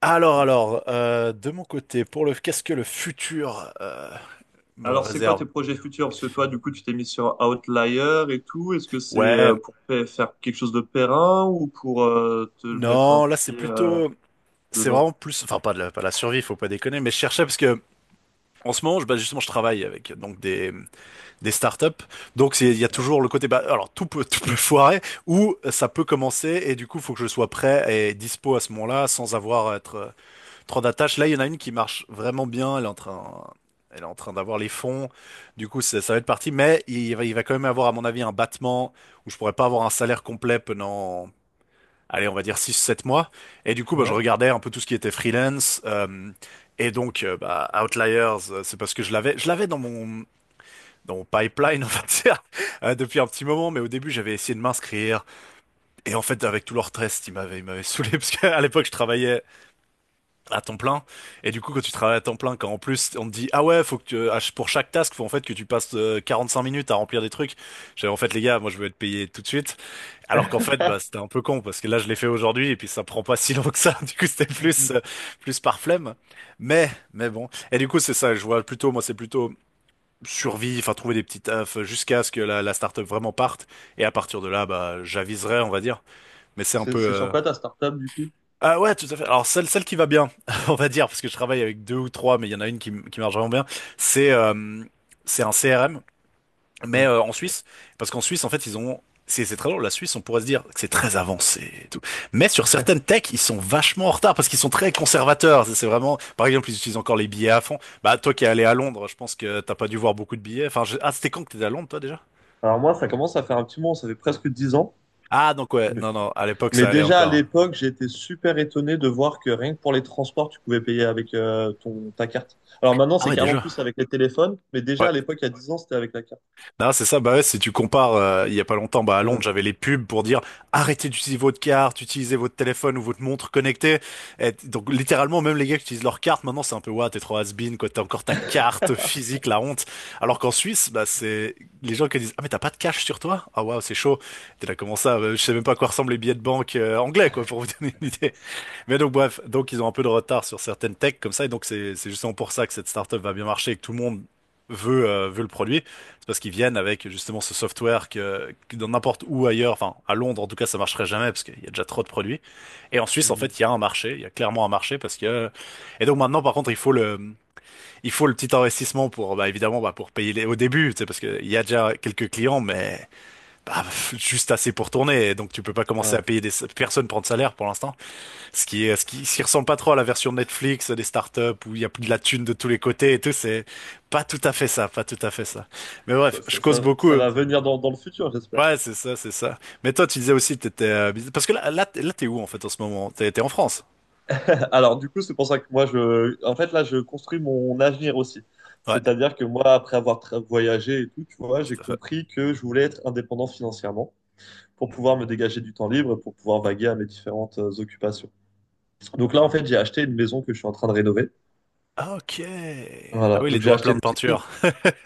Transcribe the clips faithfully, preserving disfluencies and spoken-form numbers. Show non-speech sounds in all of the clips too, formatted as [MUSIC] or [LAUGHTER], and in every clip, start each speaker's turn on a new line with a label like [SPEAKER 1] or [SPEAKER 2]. [SPEAKER 1] Alors, alors, euh, de mon côté, pour le qu'est-ce que le futur euh, me
[SPEAKER 2] Alors, c'est quoi tes
[SPEAKER 1] réserve?
[SPEAKER 2] projets futurs? Parce que toi, du coup, tu t'es mis sur Outlier et tout. Est-ce que c'est euh,
[SPEAKER 1] Ouais,
[SPEAKER 2] pour pa- faire quelque chose de périn ou pour euh, te mettre un
[SPEAKER 1] non, là c'est
[SPEAKER 2] pied euh,
[SPEAKER 1] plutôt, c'est
[SPEAKER 2] dedans?
[SPEAKER 1] vraiment plus, enfin pas de la, pas de la survie, faut pas déconner, mais je cherchais parce que en ce moment, je, bah, justement, je travaille avec donc des des startups, donc c'est- il y a
[SPEAKER 2] Ouais.
[SPEAKER 1] toujours le côté, bah, alors tout peut tout peut [LAUGHS] foirer ou ça peut commencer et du coup, faut que je sois prêt et dispo à ce moment-là sans avoir à être euh, trop d'attaches. Là, il y en a une qui marche vraiment bien. Elle est en train, elle est en train d'avoir les fonds. Du coup, ça, ça va être parti. Mais il va, il va quand même avoir, à mon avis, un battement où je pourrais pas avoir un salaire complet pendant, allez, on va dire six, sept mois. Et du coup, bah, je
[SPEAKER 2] Ouais.
[SPEAKER 1] regardais un peu tout ce qui était freelance. Euh, et donc, euh, bah, Outliers, euh, c'est parce que je l'avais, je l'avais dans mon, dans mon pipeline, [LAUGHS] on va dire, euh, depuis un petit moment. Mais au début, j'avais essayé de m'inscrire. Et en fait, avec tout leur stress, ils m'avaient, ils m'avaient saoulé [LAUGHS] parce qu'à l'époque, je travaillais à temps plein. Et du coup, quand tu travailles à temps plein, quand en plus on te dit, ah ouais, faut que tu, à ch- pour chaque task, faut en fait que tu passes euh, quarante-cinq minutes à remplir des trucs. J'avais en fait, les gars, moi je veux être payé tout de suite. Alors qu'en fait, bah, c'était un peu con parce que là, je l'ai fait aujourd'hui et puis ça prend pas [LAUGHS] si long que ça. [LAUGHS] Du coup, c'était plus, euh, plus par flemme. Mais, mais bon. Et du coup, c'est ça, je vois plutôt, moi, c'est plutôt survie, enfin, trouver des petits tafs jusqu'à ce que la, la startup vraiment parte. Et à partir de là, bah, j'aviserai, on va dire. Mais c'est un
[SPEAKER 2] C'est
[SPEAKER 1] peu,
[SPEAKER 2] c'est
[SPEAKER 1] euh,
[SPEAKER 2] sur quoi ta startup, du coup?
[SPEAKER 1] ah ouais, tout à fait. Alors celle, celle qui va bien, [LAUGHS] on va dire, parce que je travaille avec deux ou trois, mais il y en a une qui, m- qui marche vraiment bien, c'est euh, c'est un C R M, mais
[SPEAKER 2] Ouais.
[SPEAKER 1] euh, en Suisse, parce qu'en Suisse, en fait, ils ont... C'est c'est très drôle, la Suisse, on pourrait se dire que c'est très avancé et tout. Mais sur certaines techs, ils sont vachement en retard parce qu'ils sont très conservateurs. C'est c'est vraiment, par exemple, ils utilisent encore les billets à fond. Bah, toi qui es allé à Londres, je pense que t'as pas dû voir beaucoup de billets. Enfin, je- ah, c'était quand que t'étais à Londres, toi, déjà?
[SPEAKER 2] Alors moi, ça commence à faire un petit moment, ça fait presque dix ans.
[SPEAKER 1] Ah, donc ouais,
[SPEAKER 2] Mais,
[SPEAKER 1] non, non, à l'époque,
[SPEAKER 2] mais
[SPEAKER 1] ça allait
[SPEAKER 2] déjà à
[SPEAKER 1] encore.
[SPEAKER 2] l'époque, j'étais super étonné de voir que rien que pour les transports, tu pouvais payer avec euh, ton, ta carte. Alors maintenant,
[SPEAKER 1] Ah
[SPEAKER 2] c'est
[SPEAKER 1] ouais,
[SPEAKER 2] carrément
[SPEAKER 1] déjà.
[SPEAKER 2] plus avec les téléphones, mais déjà
[SPEAKER 1] Ouais.
[SPEAKER 2] à l'époque, il y a dix ans, c'était avec la carte.
[SPEAKER 1] Non, c'est ça. Bah ouais, si tu compares, euh, il y a pas longtemps, bah à Londres,
[SPEAKER 2] Ouais.
[SPEAKER 1] j'avais les pubs pour dire arrêtez d'utiliser votre carte, utilisez votre téléphone ou votre montre connectée. Et donc littéralement, même les gars qui utilisent leur carte, maintenant c'est un peu ouais, t'es trop has-been, quoi, t'as encore ta carte physique, la honte. Alors qu'en Suisse, bah c'est les gens qui disent ah mais t'as pas de cash sur toi? Ah waouh, c'est chaud. T'es là comment ça? Euh, Je sais même pas à quoi ressemblent les billets de banque euh, anglais, quoi, pour vous [LAUGHS] donner une idée. Mais donc bref, donc ils ont un peu de retard sur certaines techs comme ça, et donc c'est c'est justement pour ça que cette startup va bien marcher et que tout le monde veut euh, veut le produit. C'est parce qu'ils viennent avec justement ce software que, que dans n'importe où ailleurs, enfin à Londres en tout cas ça marcherait jamais parce qu'il y a déjà trop de produits. Et en Suisse en
[SPEAKER 2] Mhm.
[SPEAKER 1] fait il y a un marché, il y a clairement un marché parce que et donc maintenant par contre il faut le il faut le petit investissement pour bah évidemment bah pour payer les au début, tu sais parce que il y a déjà quelques clients mais bah [LAUGHS] juste assez pour tourner, et donc tu peux pas commencer à
[SPEAKER 2] Ouais.
[SPEAKER 1] payer des personnes prend de salaire pour l'instant. Ce qui est, ce qui, ce qui ressemble pas trop à la version Netflix des startups où il y a de la thune de tous les côtés et tout, c'est pas tout à fait ça, pas tout à fait ça. Mais bref,
[SPEAKER 2] Ça,
[SPEAKER 1] je
[SPEAKER 2] ça,
[SPEAKER 1] cause
[SPEAKER 2] ça,
[SPEAKER 1] beaucoup.
[SPEAKER 2] ça va
[SPEAKER 1] euh,
[SPEAKER 2] venir dans, dans le futur, j'espère.
[SPEAKER 1] Ouais, c'est ça, c'est ça. Mais toi, tu disais aussi que t'étais, euh, business- parce que là, là, t'es là, t'es où en fait en ce moment? T'es, t'es en France?
[SPEAKER 2] Alors, du coup, c'est pour ça que moi, je, en fait, là, je construis mon avenir aussi.
[SPEAKER 1] Ouais,
[SPEAKER 2] C'est-à-dire que moi, après avoir tra- voyagé et tout, tu vois, j'ai
[SPEAKER 1] tout à fait.
[SPEAKER 2] compris que je voulais être indépendant financièrement pour pouvoir me dégager du temps libre, pour pouvoir
[SPEAKER 1] Ouais.
[SPEAKER 2] vaguer à mes différentes euh, occupations. Donc là, en fait, j'ai acheté une maison que je suis en train de rénover.
[SPEAKER 1] Ah, ok. Ah
[SPEAKER 2] Voilà.
[SPEAKER 1] oui, les
[SPEAKER 2] Donc j'ai
[SPEAKER 1] doigts
[SPEAKER 2] acheté
[SPEAKER 1] pleins de
[SPEAKER 2] une vieille.
[SPEAKER 1] peinture.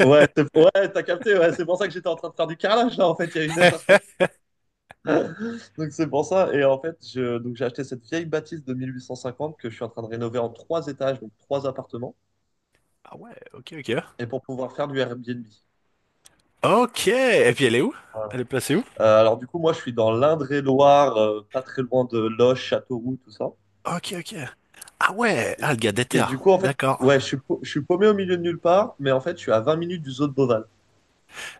[SPEAKER 2] Ouais, c'est- ouais, t'as capté. Ouais, c'est pour ça que j'étais en train de faire du carrelage là, en fait, il y a une heure. [LAUGHS] Donc c'est pour ça. Et en fait, je... donc j'ai acheté cette vieille bâtisse de mille huit cent cinquante que je suis en train de rénover en trois étages, donc trois appartements.
[SPEAKER 1] Ah ouais, ok, ok.
[SPEAKER 2] Et pour pouvoir faire du Airbnb.
[SPEAKER 1] Ok. Et puis elle est où?
[SPEAKER 2] Voilà.
[SPEAKER 1] Elle est placée où?
[SPEAKER 2] Euh, alors du coup, moi, je suis dans l'Indre-et-Loire, euh, pas très loin de Loches, Châteauroux, tout ça.
[SPEAKER 1] Ok, ok. Ah ouais, ah
[SPEAKER 2] Et,
[SPEAKER 1] le gars
[SPEAKER 2] et du
[SPEAKER 1] déterre.
[SPEAKER 2] coup, en fait,
[SPEAKER 1] D'accord.
[SPEAKER 2] ouais, je suis, pau- je suis paumé au milieu de nulle part, mais en fait, je suis à vingt minutes du zoo de Beauval.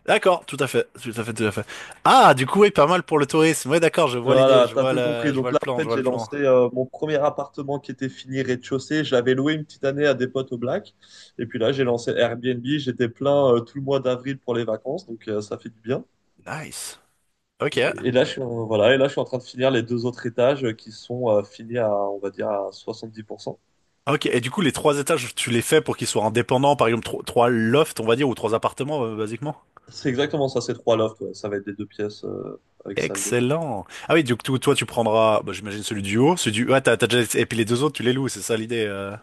[SPEAKER 1] D'accord, tout à fait, tout à fait, tout à fait. Ah, du coup, oui, pas mal pour le tourisme. Ouais, d'accord, je vois l'idée,
[SPEAKER 2] Voilà,
[SPEAKER 1] je
[SPEAKER 2] t'as
[SPEAKER 1] vois
[SPEAKER 2] tout
[SPEAKER 1] la,
[SPEAKER 2] compris.
[SPEAKER 1] je vois
[SPEAKER 2] Donc
[SPEAKER 1] le
[SPEAKER 2] là, en
[SPEAKER 1] plan, je
[SPEAKER 2] fait,
[SPEAKER 1] vois le
[SPEAKER 2] j'ai
[SPEAKER 1] plan.
[SPEAKER 2] lancé euh, mon premier appartement qui était fini rez-de-chaussée. Je l'avais loué une petite année à des potes au Black. Et puis là, j'ai lancé Airbnb. J'étais plein euh, tout le mois d'avril pour les vacances, donc euh, ça fait du bien.
[SPEAKER 1] Nice. Ok.
[SPEAKER 2] Et là, je suis, en- voilà, et là, je suis en train de finir les deux autres étages euh, qui sont euh, finis à, on va dire, à soixante-dix pour cent.
[SPEAKER 1] Ok. Et du coup, les trois étages, tu les fais pour qu'ils soient indépendants, par exemple, tro- trois lofts, on va dire, ou trois appartements, euh, basiquement.
[SPEAKER 2] C'est exactement ça, c'est trois lofts, ouais. Ça va être des deux pièces euh, avec salle d'eau.
[SPEAKER 1] Excellent. Ah oui, du coup, toi, tu prendras, bah, j'imagine celui du haut, celui du, ah t'as, t'as déjà, et puis les deux autres, tu les loues, c'est ça l'idée, euh...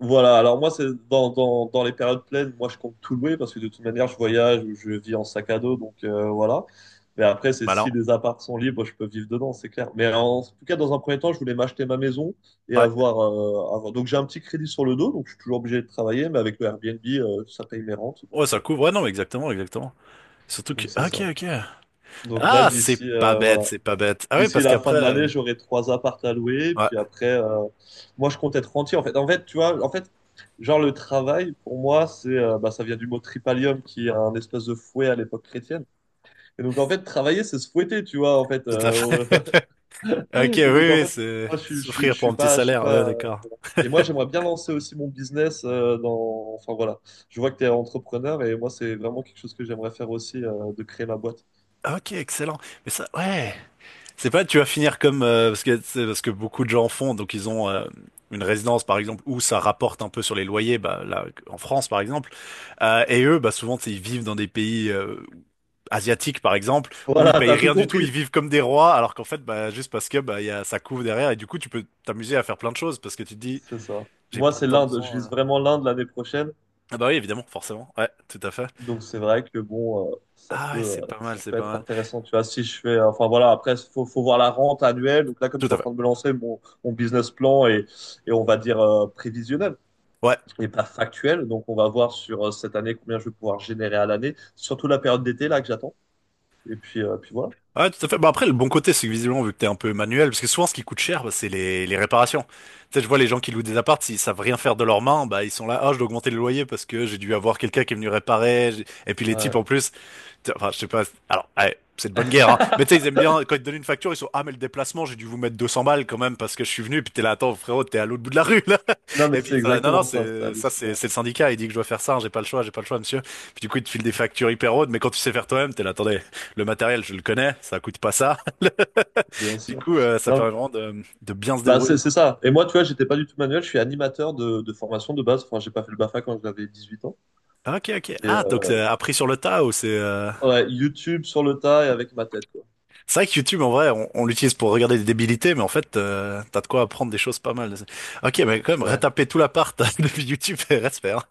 [SPEAKER 2] Voilà, alors moi, c'est dans, dans, dans les périodes pleines, moi, je compte tout louer parce que de toute manière, je voyage ou je vis en sac à dos, donc euh, voilà. Mais après, c'est
[SPEAKER 1] Malin.
[SPEAKER 2] si les apparts sont libres, je peux vivre dedans, c'est clair. Mais en, tout cas, dans un premier temps, je voulais m'acheter ma maison et
[SPEAKER 1] Ouais.
[SPEAKER 2] avoir, euh, avoir... Donc, j'ai un petit crédit sur le dos, donc je suis toujours obligé de travailler, mais avec le Airbnb, euh, ça paye mes rentes,
[SPEAKER 1] Ouais,
[SPEAKER 2] donc
[SPEAKER 1] ça
[SPEAKER 2] euh,
[SPEAKER 1] couvre. Ouais, non, exactement, exactement. Surtout que,
[SPEAKER 2] donc c'est
[SPEAKER 1] ok,
[SPEAKER 2] ça.
[SPEAKER 1] ok.
[SPEAKER 2] Donc là,
[SPEAKER 1] Ah, c'est
[SPEAKER 2] d'ici
[SPEAKER 1] pas
[SPEAKER 2] euh,
[SPEAKER 1] bête,
[SPEAKER 2] voilà,
[SPEAKER 1] c'est pas bête. Ah oui,
[SPEAKER 2] d'ici
[SPEAKER 1] parce
[SPEAKER 2] la
[SPEAKER 1] qu'après,
[SPEAKER 2] fin de
[SPEAKER 1] euh,
[SPEAKER 2] l'année, j'aurai trois apparts à louer.
[SPEAKER 1] ouais,
[SPEAKER 2] Puis après, euh, moi, je compte être rentier. En fait, en fait, tu vois, en fait, genre le travail pour moi, c'est, euh, bah, ça vient du mot tripalium, qui est un espèce de fouet à l'époque chrétienne. Et donc en fait, travailler, c'est se fouetter, tu vois, en fait.
[SPEAKER 1] tout à fait.
[SPEAKER 2] Euh,
[SPEAKER 1] Ok, oui,
[SPEAKER 2] [LAUGHS] et donc en
[SPEAKER 1] oui,
[SPEAKER 2] fait,
[SPEAKER 1] c'est
[SPEAKER 2] moi, je, suis- je, suis-
[SPEAKER 1] souffrir
[SPEAKER 2] je
[SPEAKER 1] pour
[SPEAKER 2] suis
[SPEAKER 1] un petit
[SPEAKER 2] pas, je suis
[SPEAKER 1] salaire, ouais,
[SPEAKER 2] pas.
[SPEAKER 1] d'accord.
[SPEAKER 2] Et moi, j'aimerais bien lancer aussi mon business euh, dans. Enfin voilà, je vois que tu es entrepreneur et moi, c'est vraiment quelque chose que j'aimerais faire aussi, euh, de créer ma boîte.
[SPEAKER 1] Ah, ok, excellent. Mais ça, ouais, c'est pas tu vas finir comme euh, parce que c'est parce que beaucoup de gens font, donc ils ont euh, une résidence par exemple où ça rapporte un peu sur les loyers, bah là en France par exemple, Euh, et eux, bah souvent tu sais, ils vivent dans des pays euh, asiatiques par exemple où ils
[SPEAKER 2] Voilà,
[SPEAKER 1] payent
[SPEAKER 2] t'as tout
[SPEAKER 1] rien du tout,
[SPEAKER 2] compris.
[SPEAKER 1] ils vivent comme des rois, alors qu'en fait bah juste parce que bah il y a ça couvre derrière et du coup tu peux t'amuser à faire plein de choses parce que tu te dis
[SPEAKER 2] C'est ça.
[SPEAKER 1] j'ai
[SPEAKER 2] Moi,
[SPEAKER 1] pas
[SPEAKER 2] c'est
[SPEAKER 1] tant
[SPEAKER 2] l'Inde. Je
[SPEAKER 1] besoin. euh.
[SPEAKER 2] vise vraiment l'Inde l'année prochaine.
[SPEAKER 1] Ah bah oui, évidemment, forcément, ouais, tout à fait.
[SPEAKER 2] Donc, c'est vrai que bon, euh, ça
[SPEAKER 1] Ah ouais,
[SPEAKER 2] peut,
[SPEAKER 1] c'est
[SPEAKER 2] euh,
[SPEAKER 1] pas mal,
[SPEAKER 2] ça
[SPEAKER 1] c'est
[SPEAKER 2] peut
[SPEAKER 1] pas
[SPEAKER 2] être
[SPEAKER 1] mal.
[SPEAKER 2] intéressant. Tu vois, si je fais, enfin voilà, après, faut, faut voir la rente annuelle. Donc là, comme je
[SPEAKER 1] Tout
[SPEAKER 2] suis
[SPEAKER 1] à
[SPEAKER 2] en
[SPEAKER 1] fait.
[SPEAKER 2] train de me lancer, mon, mon business plan est, et on va dire, euh, prévisionnel
[SPEAKER 1] Ouais.
[SPEAKER 2] et pas factuel. Donc, on va voir sur euh, cette année combien je vais pouvoir générer à l'année, surtout la période d'été là que j'attends. Et puis, euh, puis voilà.
[SPEAKER 1] Ouais, tout à fait. Bah après, le bon côté, c'est que visiblement, vu que t'es un peu manuel, parce que souvent, ce qui coûte cher, bah, c'est les, les réparations. Tu sais, je vois les gens qui louent des apparts, s'ils savent rien faire de leurs mains, bah, ils sont là, ah, je dois augmenter le loyer parce que j'ai dû avoir quelqu'un qui est venu réparer. J'ai- Et puis, les types,
[SPEAKER 2] Ouais.
[SPEAKER 1] en plus, enfin, je sais pas. Alors, ouais, c'est de bonne guerre, hein. Mais tu sais, ils
[SPEAKER 2] [LAUGHS]
[SPEAKER 1] aiment bien, quand ils te donnent une facture, ils sont, ah, mais le déplacement, j'ai dû vous mettre deux cents balles quand même parce que je suis venu, puis t'es là, attends, frérot, t'es à l'autre bout de la rue, là. [LAUGHS]
[SPEAKER 2] Non, mais
[SPEAKER 1] Et puis,
[SPEAKER 2] c'est
[SPEAKER 1] ils sont là, non, non,
[SPEAKER 2] exactement ça. C'est
[SPEAKER 1] c'est, ça, c'est,
[SPEAKER 2] hallucinant.
[SPEAKER 1] c'est le syndicat, il dit que je dois faire ça, hein, j'ai pas le choix, j'ai pas le choix, monsieur. Puis du coup, ils te filent des factures hyper hautes, mais quand tu sais faire toi-même, t'es là, attendez, le matériel, je le connais, ça coûte pas ça. [LAUGHS]
[SPEAKER 2] Bien
[SPEAKER 1] Du
[SPEAKER 2] sûr.
[SPEAKER 1] coup, euh, ça
[SPEAKER 2] Non,
[SPEAKER 1] permet vraiment de, de bien se
[SPEAKER 2] bah, c'est
[SPEAKER 1] débrouiller.
[SPEAKER 2] c'est ça. Et moi, tu vois, j'étais pas du tout manuel. Je suis animateur de, de formation de base. Enfin, j'ai pas fait le BAFA quand j'avais dix huit ans.
[SPEAKER 1] Ah, ok, ok.
[SPEAKER 2] Et
[SPEAKER 1] Ah, donc
[SPEAKER 2] euh,
[SPEAKER 1] c'est appris sur le tas ou c'est, euh...
[SPEAKER 2] ouais, YouTube sur le tas et avec ma tête, quoi.
[SPEAKER 1] C'est vrai que YouTube, en vrai, on, on l'utilise pour regarder des débilités, mais en fait, euh, t'as de quoi apprendre des choses pas mal. Ok, mais quand même,
[SPEAKER 2] Ouais.
[SPEAKER 1] retaper tout l'appart [LAUGHS] depuis YouTube, reste faire.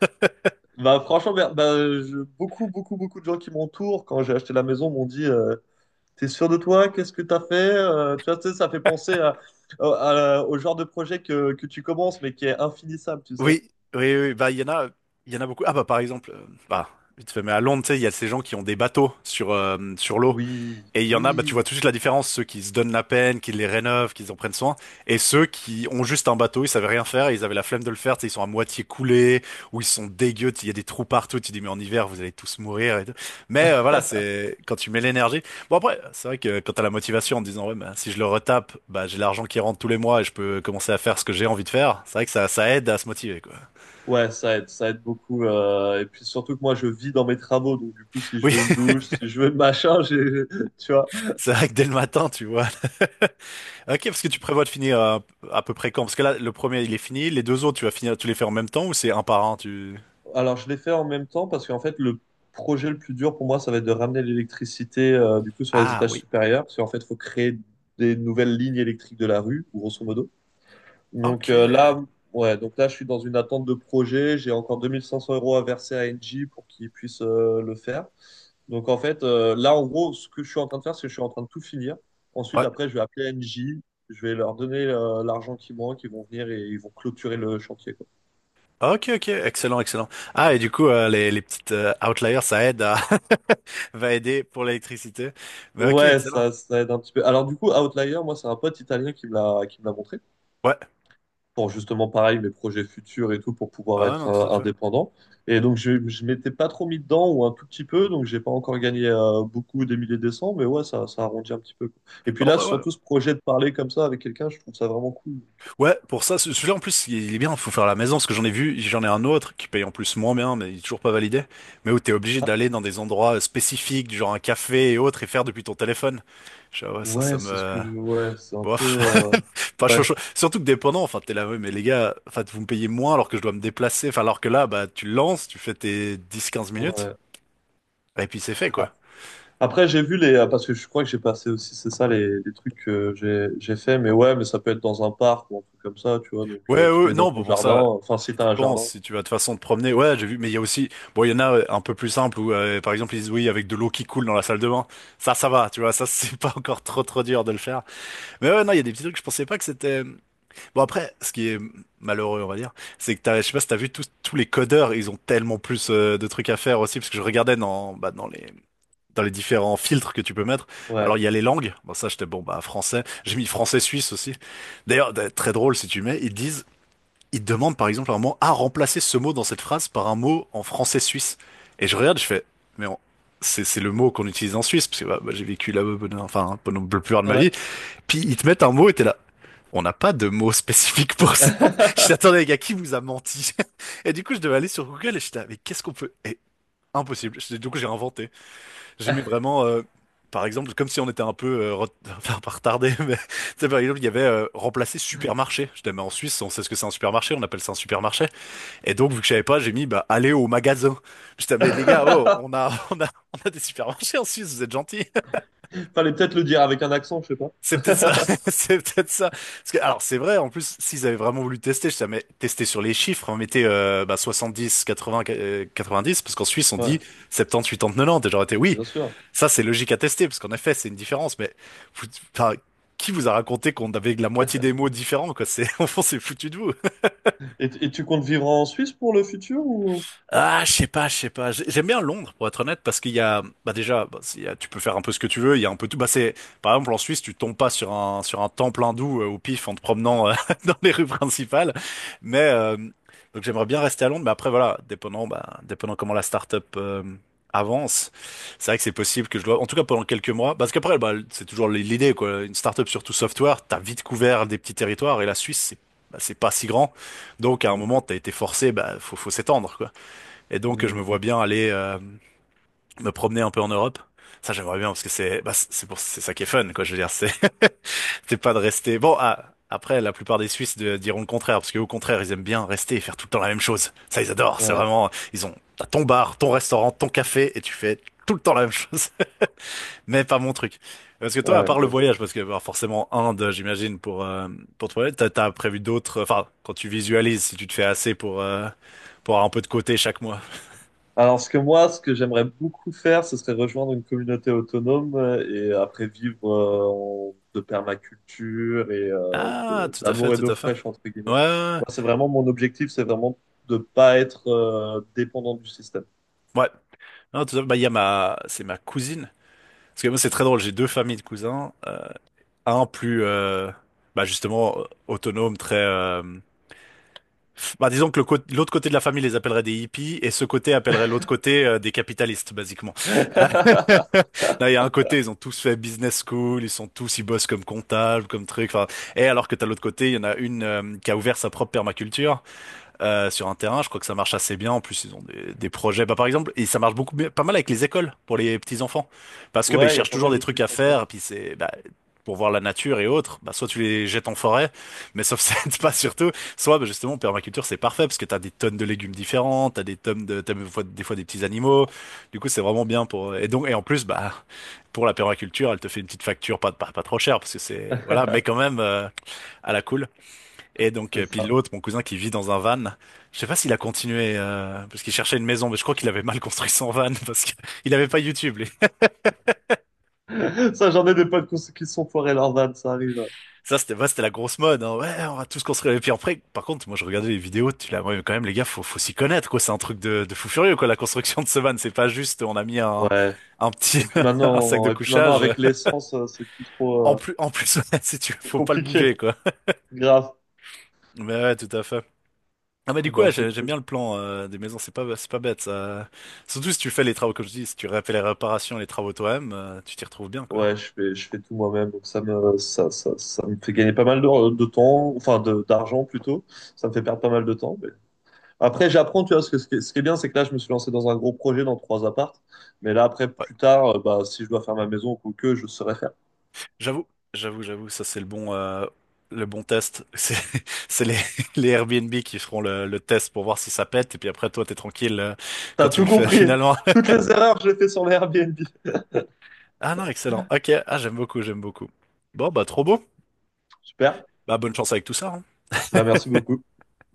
[SPEAKER 2] Bah, franchement, bah, bah, je- beaucoup, beaucoup, beaucoup de gens qui m'entourent quand j'ai acheté la maison m'ont dit euh, t'es sûr de toi? Qu'est-ce que t'as fait? Euh, tu vois, tu sais, ça fait penser à, à- à- au genre de projet que, que tu commences, mais qui est infinissable, tu sais.
[SPEAKER 1] Oui, oui, oui, oui. Bah, il y en a, il y en a beaucoup. Ah, bah, par exemple, euh, bah, vite fait, mais à Londres, tu sais, il y a ces gens qui ont des bateaux sur, euh, sur l'eau.
[SPEAKER 2] Oui,
[SPEAKER 1] Et il y en a, bah, tu vois
[SPEAKER 2] oui.
[SPEAKER 1] tout de suite la différence, ceux qui se donnent la peine, qui les rénovent, qui en prennent soin, et ceux qui ont juste un bateau, ils savaient rien faire, et ils avaient la flemme de le faire, tu sais, ils sont à moitié coulés, ou ils sont dégueux, tu- il y a des trous partout, tu dis mais en hiver vous allez tous mourir et tout. Mais euh, voilà,
[SPEAKER 2] [LAUGHS]
[SPEAKER 1] c'est quand tu mets l'énergie. Bon après, c'est vrai que quand t'as la motivation en te disant ouais bah, si je le retape, bah j'ai l'argent qui rentre tous les mois et je peux commencer à faire ce que j'ai envie de faire. C'est vrai que ça ça aide à se motiver quoi.
[SPEAKER 2] Ouais, ça aide, ça aide beaucoup. Euh, et puis surtout que moi, je vis dans mes travaux, donc du coup, si je
[SPEAKER 1] Oui,
[SPEAKER 2] veux une douche, si je veux le machin, j'ai, [LAUGHS] tu vois.
[SPEAKER 1] [LAUGHS] c'est vrai que dès le matin, tu vois. Ok, parce que tu prévois de finir à, à peu près quand? Parce que là, le premier, il est fini. Les deux autres, tu vas finir, tu les fais en même temps ou c'est un par un, tu...
[SPEAKER 2] Alors, je l'ai fait en même temps parce qu'en fait, le projet le plus dur pour moi, ça va être de ramener l'électricité euh, du coup sur les
[SPEAKER 1] Ah
[SPEAKER 2] étages
[SPEAKER 1] oui.
[SPEAKER 2] supérieurs, parce qu'en fait, il faut créer des nouvelles lignes électriques de la rue, grosso modo. Donc
[SPEAKER 1] Ok.
[SPEAKER 2] euh, là, ouais, donc là, je suis dans une attente de projet. J'ai encore deux mille cinq cents euros à verser à Engie pour qu'ils puissent euh, le faire. Donc en fait, euh, là, en gros, ce que je suis en train de faire, c'est que je suis en train de tout finir. Ensuite,
[SPEAKER 1] Ouais.
[SPEAKER 2] après, je vais appeler Engie. Je vais leur donner euh, l'argent qui manque. Ils vont venir et ils vont clôturer le chantier, quoi.
[SPEAKER 1] Ok, ok. Excellent, excellent. Ah, et du coup, euh, les, les petites euh, outliers, ça aide à, [LAUGHS] va aider pour l'électricité. Mais ok,
[SPEAKER 2] Ouais,
[SPEAKER 1] excellent.
[SPEAKER 2] ça, ça aide un petit peu. Alors du coup, Outlier, moi, c'est un pote italien qui me l'a qui me l'a montré.
[SPEAKER 1] Ouais.
[SPEAKER 2] Pour justement pareil mes projets futurs et tout pour pouvoir
[SPEAKER 1] Ah
[SPEAKER 2] être
[SPEAKER 1] non, tout
[SPEAKER 2] euh,
[SPEAKER 1] à fait.
[SPEAKER 2] indépendant. Et donc je, je m'étais pas trop mis dedans ou un tout petit peu, donc j'ai pas encore gagné euh, beaucoup des milliers de cents, mais ouais, ça, ça arrondit un petit peu, quoi. Et
[SPEAKER 1] Bah,
[SPEAKER 2] puis
[SPEAKER 1] en
[SPEAKER 2] là,
[SPEAKER 1] vrai, ouais.
[SPEAKER 2] surtout ce projet de parler comme ça avec quelqu'un, je trouve ça vraiment cool. Donc,
[SPEAKER 1] Ouais, pour ça, ce- celui-là en plus, il est bien, faut faire à la maison, parce que j'en ai vu, j'en ai un autre qui paye en plus moins bien, mais il est toujours pas validé, mais où t'es obligé
[SPEAKER 2] ah,
[SPEAKER 1] d'aller dans des endroits euh, spécifiques, du genre un café et autres, et faire depuis ton téléphone. Je, ah ouais, ça, ça
[SPEAKER 2] ouais, c'est ce
[SPEAKER 1] me...
[SPEAKER 2] que je- ouais, c'est un peu
[SPEAKER 1] Bof.
[SPEAKER 2] euh,
[SPEAKER 1] [LAUGHS] Pas
[SPEAKER 2] ouais,
[SPEAKER 1] chaud, chaud. Surtout que dépendant, enfin, t'es là, ouais, mais les gars, enfin, vous me payez moins alors que je dois me déplacer, enfin, alors que là, bah, tu lances, tu fais tes dix, quinze minutes,
[SPEAKER 2] ouais.
[SPEAKER 1] et puis c'est fait, quoi.
[SPEAKER 2] Après, j'ai vu les, euh, parce que je crois que j'ai passé aussi, c'est ça, les, les trucs que j'ai, j'ai fait, mais ouais, mais ça peut être dans un parc ou un truc comme ça, tu vois, donc
[SPEAKER 1] Ouais,
[SPEAKER 2] euh, tu
[SPEAKER 1] ouais,
[SPEAKER 2] te
[SPEAKER 1] ouais.
[SPEAKER 2] mets dans
[SPEAKER 1] Non,
[SPEAKER 2] ton
[SPEAKER 1] bon, pour
[SPEAKER 2] jardin,
[SPEAKER 1] ça,
[SPEAKER 2] enfin, si
[SPEAKER 1] si
[SPEAKER 2] t'as
[SPEAKER 1] t'y
[SPEAKER 2] un
[SPEAKER 1] penses,
[SPEAKER 2] jardin,
[SPEAKER 1] si tu vas de façon te promener, ouais, j'ai vu, mais il y a aussi, bon, il y en a euh, un peu plus simple où, euh, par exemple, ils disent oui, avec de l'eau qui coule dans la salle de bain. Ça, ça va, tu vois, ça, [LAUGHS] c'est pas encore trop, trop dur de le faire. Mais ouais, non, il y a des petits trucs, je pensais pas que c'était. Bon, après, ce qui est malheureux, on va dire, c'est que t'as, je sais pas si t'as vu tous, tous les codeurs, ils ont tellement plus euh, de trucs à faire aussi, parce que je regardais dans, bah, dans les. Dans les différents filtres que tu peux mettre. Bah,
[SPEAKER 2] ouais,
[SPEAKER 1] alors il y a les langues, bon ça j'étais bon bah français, j'ai mis français suisse aussi. D'ailleurs d- très drôle si tu mets, ils disent il demande par exemple à un moment à remplacer ce mot dans cette phrase par un mot en français suisse. Et je regarde, je fais, mais on- c'est c'est le mot qu'on utilise en Suisse, parce que bah, bah, j'ai vécu là-bas pendant- enfin, hein, pendant le plus rare de ma
[SPEAKER 2] ouais.
[SPEAKER 1] vie. Puis ils te mettent un mot et t'es là. On n'a pas de mot spécifique pour ça. [LAUGHS] Je dis, attendez, les gars, qui vous a menti? [LAUGHS] Et du coup, je devais aller sur Google et je suis là, mais qu'est-ce qu'on peut... Eh, impossible. Je- Du coup, j'ai inventé. J'ai mis vraiment, euh, par exemple, comme si on était un peu euh, ret- [LAUGHS] enfin, pas retardé, [LAUGHS] mais tu sais, par exemple, il y avait euh, remplacer supermarché. Je dis, mais en Suisse, on sait ce que c'est un supermarché, on appelle ça un supermarché. Et donc, vu que je savais pas, j'ai mis, bah, allez au magasin. Je t'avais, les gars, oh, on a,
[SPEAKER 2] [LAUGHS]
[SPEAKER 1] [LAUGHS] on a, on a des supermarchés en Suisse, vous êtes gentils. [LAUGHS]
[SPEAKER 2] Fallait peut-être le dire avec un accent, je sais pas.
[SPEAKER 1] C'est peut-être ça. [LAUGHS] C'est peut-être ça. Parce que, alors, c'est vrai, en plus, s'ils avaient vraiment voulu tester, je t'avais mais tester sur les chiffres, on mettait, euh, bah, soixante-dix, quatre-vingts, euh, quatre-vingt-dix, parce qu'en Suisse, on
[SPEAKER 2] Ouais,
[SPEAKER 1] dit septante, huitante, nonante. Et j'aurais été, oui,
[SPEAKER 2] bien sûr.
[SPEAKER 1] ça, c'est logique à tester, parce qu'en effet, c'est une différence, mais, vous- enfin, qui vous a raconté qu'on avait la moitié des mots différents, quoi? C'est, [LAUGHS] on s'est foutu de vous.
[SPEAKER 2] Et, et tu comptes vivre en Suisse pour le futur ou?
[SPEAKER 1] Ah, je sais pas, je sais pas. J'ai- J'aime bien Londres, pour être honnête, parce qu'il y a, bah déjà, bah, s'il y a- tu peux faire un peu ce que tu veux. Il y a un peu tout. Bah c'est, par exemple, en Suisse, tu tombes pas sur un sur un temple hindou euh, au pif en te
[SPEAKER 2] Ok.
[SPEAKER 1] promenant euh, [LAUGHS] dans les rues principales. Mais euh, donc j'aimerais bien rester à Londres, mais après voilà, dépendant, bah, dépendant comment la start-up euh, avance, c'est vrai que c'est possible que je dois, en tout cas pendant quelques mois, parce qu'après, bah, c'est toujours l'idée quoi. Une start-up surtout software, t'as vite couvert des petits territoires et la Suisse, c'est bah, c'est pas si grand, donc à un
[SPEAKER 2] Mm,
[SPEAKER 1] moment t'as été forcé, bah faut faut s'étendre quoi. Et donc, je me
[SPEAKER 2] mm,
[SPEAKER 1] vois
[SPEAKER 2] mm.
[SPEAKER 1] bien aller euh, me promener un peu en Europe. Ça, j'aimerais bien parce que c'est bah, c'est c'est pour c'est ça qui est fun, quoi. Je veux dire, c'est [LAUGHS] c'est pas de rester. Bon, ah, après, la plupart des Suisses de- diront le contraire parce qu'au contraire, ils aiment bien rester et faire tout le temps la même chose. Ça, ils adorent. C'est
[SPEAKER 2] Ouais,
[SPEAKER 1] vraiment ils ont t'as ton bar, ton restaurant, ton café et tu fais tout le temps la même chose. [LAUGHS] Mais pas mon truc. Parce que toi, à
[SPEAKER 2] ouais,
[SPEAKER 1] part le
[SPEAKER 2] ouais.
[SPEAKER 1] voyage, parce que bah, forcément Inde, j'imagine pour euh, pour te voyager, t'as t'as prévu d'autres. Enfin, quand tu visualises, si tu te fais assez pour euh, pour avoir un peu de côté chaque mois.
[SPEAKER 2] Alors, ce que moi, ce que j'aimerais beaucoup faire, ce serait rejoindre une communauté autonome euh, et après vivre euh, en- de permaculture et euh,
[SPEAKER 1] Ah,
[SPEAKER 2] de-
[SPEAKER 1] tout à fait,
[SPEAKER 2] d'amour et
[SPEAKER 1] tout
[SPEAKER 2] d'eau
[SPEAKER 1] à fait.
[SPEAKER 2] fraîche, entre
[SPEAKER 1] Ouais,
[SPEAKER 2] guillemets.
[SPEAKER 1] ouais.
[SPEAKER 2] Moi, c'est vraiment mon objectif, c'est vraiment de pas être euh, dépendant du système.
[SPEAKER 1] Ouais. Ouais. Non, tout ça, bah, il y a ma, c'est ma cousine. Parce que moi, c'est très drôle. J'ai deux familles de cousins. Euh, Un plus, euh, bah, justement, euh, autonome, très, euh, bah, disons que le cô- l'autre côté de la famille les appellerait des hippies et ce côté appellerait l'autre côté euh, des capitalistes, basiquement. Ah. [LAUGHS]
[SPEAKER 2] [LAUGHS]
[SPEAKER 1] Là, il y a un côté, ils ont tous fait business school, ils sont tous, ils bossent comme comptables, comme truc. Enfin, et alors que t'as l'autre côté, il y en a une euh, qui a ouvert sa propre permaculture. Euh, sur un terrain. Je crois que ça marche assez bien. En plus, ils ont des, des projets. Bah, par exemple, et ça marche beaucoup, mieux- pas mal avec les écoles pour les petits enfants, parce que bah, ils
[SPEAKER 2] Ouais, il y a
[SPEAKER 1] cherchent
[SPEAKER 2] pas
[SPEAKER 1] toujours
[SPEAKER 2] mal
[SPEAKER 1] des
[SPEAKER 2] de
[SPEAKER 1] trucs
[SPEAKER 2] trucs
[SPEAKER 1] à
[SPEAKER 2] comme ça.
[SPEAKER 1] faire. Puis c'est bah, pour voir la nature et autres. Bah, soit tu les jettes en forêt, mais sauf [LAUGHS] ça aide pas surtout. Soit bah, justement, permaculture, c'est parfait parce que t'as des tonnes de légumes différents, t'as des tonnes de, t'as des fois, des fois des petits animaux. Du coup, c'est vraiment bien pour. Et donc, et en plus, bah pour la permaculture, elle te fait une petite facture, pas pas, pas trop chère parce que c'est voilà, mais quand
[SPEAKER 2] [LAUGHS]
[SPEAKER 1] même euh, à la cool. Et donc,
[SPEAKER 2] C'est
[SPEAKER 1] euh, puis
[SPEAKER 2] ça.
[SPEAKER 1] l'autre, mon cousin qui vit dans un van, je sais pas s'il a continué euh, parce qu'il cherchait une maison, mais je crois qu'il avait mal construit son van [LAUGHS] parce qu'il avait pas YouTube. Lui.
[SPEAKER 2] Ça, j'en ai des potes qui qui se sont foirés leurs vannes, ça arrive.
[SPEAKER 1] Ça, c'était ouais, c'était la grosse mode. Hein. Ouais, on va tous construire. Et puis après, par contre, moi, je regardais les vidéos. Tu l'as, ouais, quand même, les gars, faut, faut s'y connaître, quoi. C'est un truc de, de fou furieux, quoi. La construction de ce van, c'est pas juste. On a mis un,
[SPEAKER 2] Ouais.
[SPEAKER 1] un petit
[SPEAKER 2] Et puis
[SPEAKER 1] [LAUGHS] un sac
[SPEAKER 2] maintenant,
[SPEAKER 1] de
[SPEAKER 2] et puis maintenant
[SPEAKER 1] couchage.
[SPEAKER 2] avec l'essence, euh, c'est plus
[SPEAKER 1] En
[SPEAKER 2] trop
[SPEAKER 1] plus, en plus, [LAUGHS] ouais, si tu, veux,
[SPEAKER 2] euh,
[SPEAKER 1] faut pas le bouger,
[SPEAKER 2] compliqué.
[SPEAKER 1] quoi.
[SPEAKER 2] Grave.
[SPEAKER 1] Mais ouais, tout à fait. Ah bah du coup
[SPEAKER 2] Bah,
[SPEAKER 1] ouais,
[SPEAKER 2] c'est
[SPEAKER 1] j'ai- j'aime
[SPEAKER 2] cool.
[SPEAKER 1] bien le plan euh, des maisons, c'est pas c'est pas bête ça. Surtout si tu fais les travaux comme je dis, si tu fais les réparations, les travaux toi-même, euh, tu t'y retrouves bien quoi.
[SPEAKER 2] Ouais, je fais, je fais tout moi-même, donc ça me, ça, ça, ça me fait gagner pas mal de, de temps, enfin de, d'argent plutôt. Ça me fait perdre pas mal de temps mais- Après, j'apprends, tu vois, ce que, ce qui est ce qui est bien, c'est que là, je me suis lancé dans un gros projet dans trois appartes. Mais là, après,
[SPEAKER 1] Ouais,
[SPEAKER 2] plus tard, euh, bah, si je dois faire ma maison ou que, je saurais faire.
[SPEAKER 1] j'avoue, j'avoue, j'avoue, ça c'est le bon euh, le bon test. C'est [LAUGHS] c'est les [LAUGHS] les Airbnb qui feront le, le test pour voir si ça pète et puis après toi t'es tranquille euh, quand
[SPEAKER 2] T'as
[SPEAKER 1] tu
[SPEAKER 2] tout
[SPEAKER 1] le fais [LAUGHS]
[SPEAKER 2] compris.
[SPEAKER 1] finalement.
[SPEAKER 2] Toutes les erreurs que j'ai fait sur les Airbnb.
[SPEAKER 1] Ah non, excellent. Ok, ah j'aime beaucoup, j'aime beaucoup. Bon bah trop beau.
[SPEAKER 2] Super.
[SPEAKER 1] Bah bonne chance avec tout ça. Hein.
[SPEAKER 2] Bah, merci beaucoup.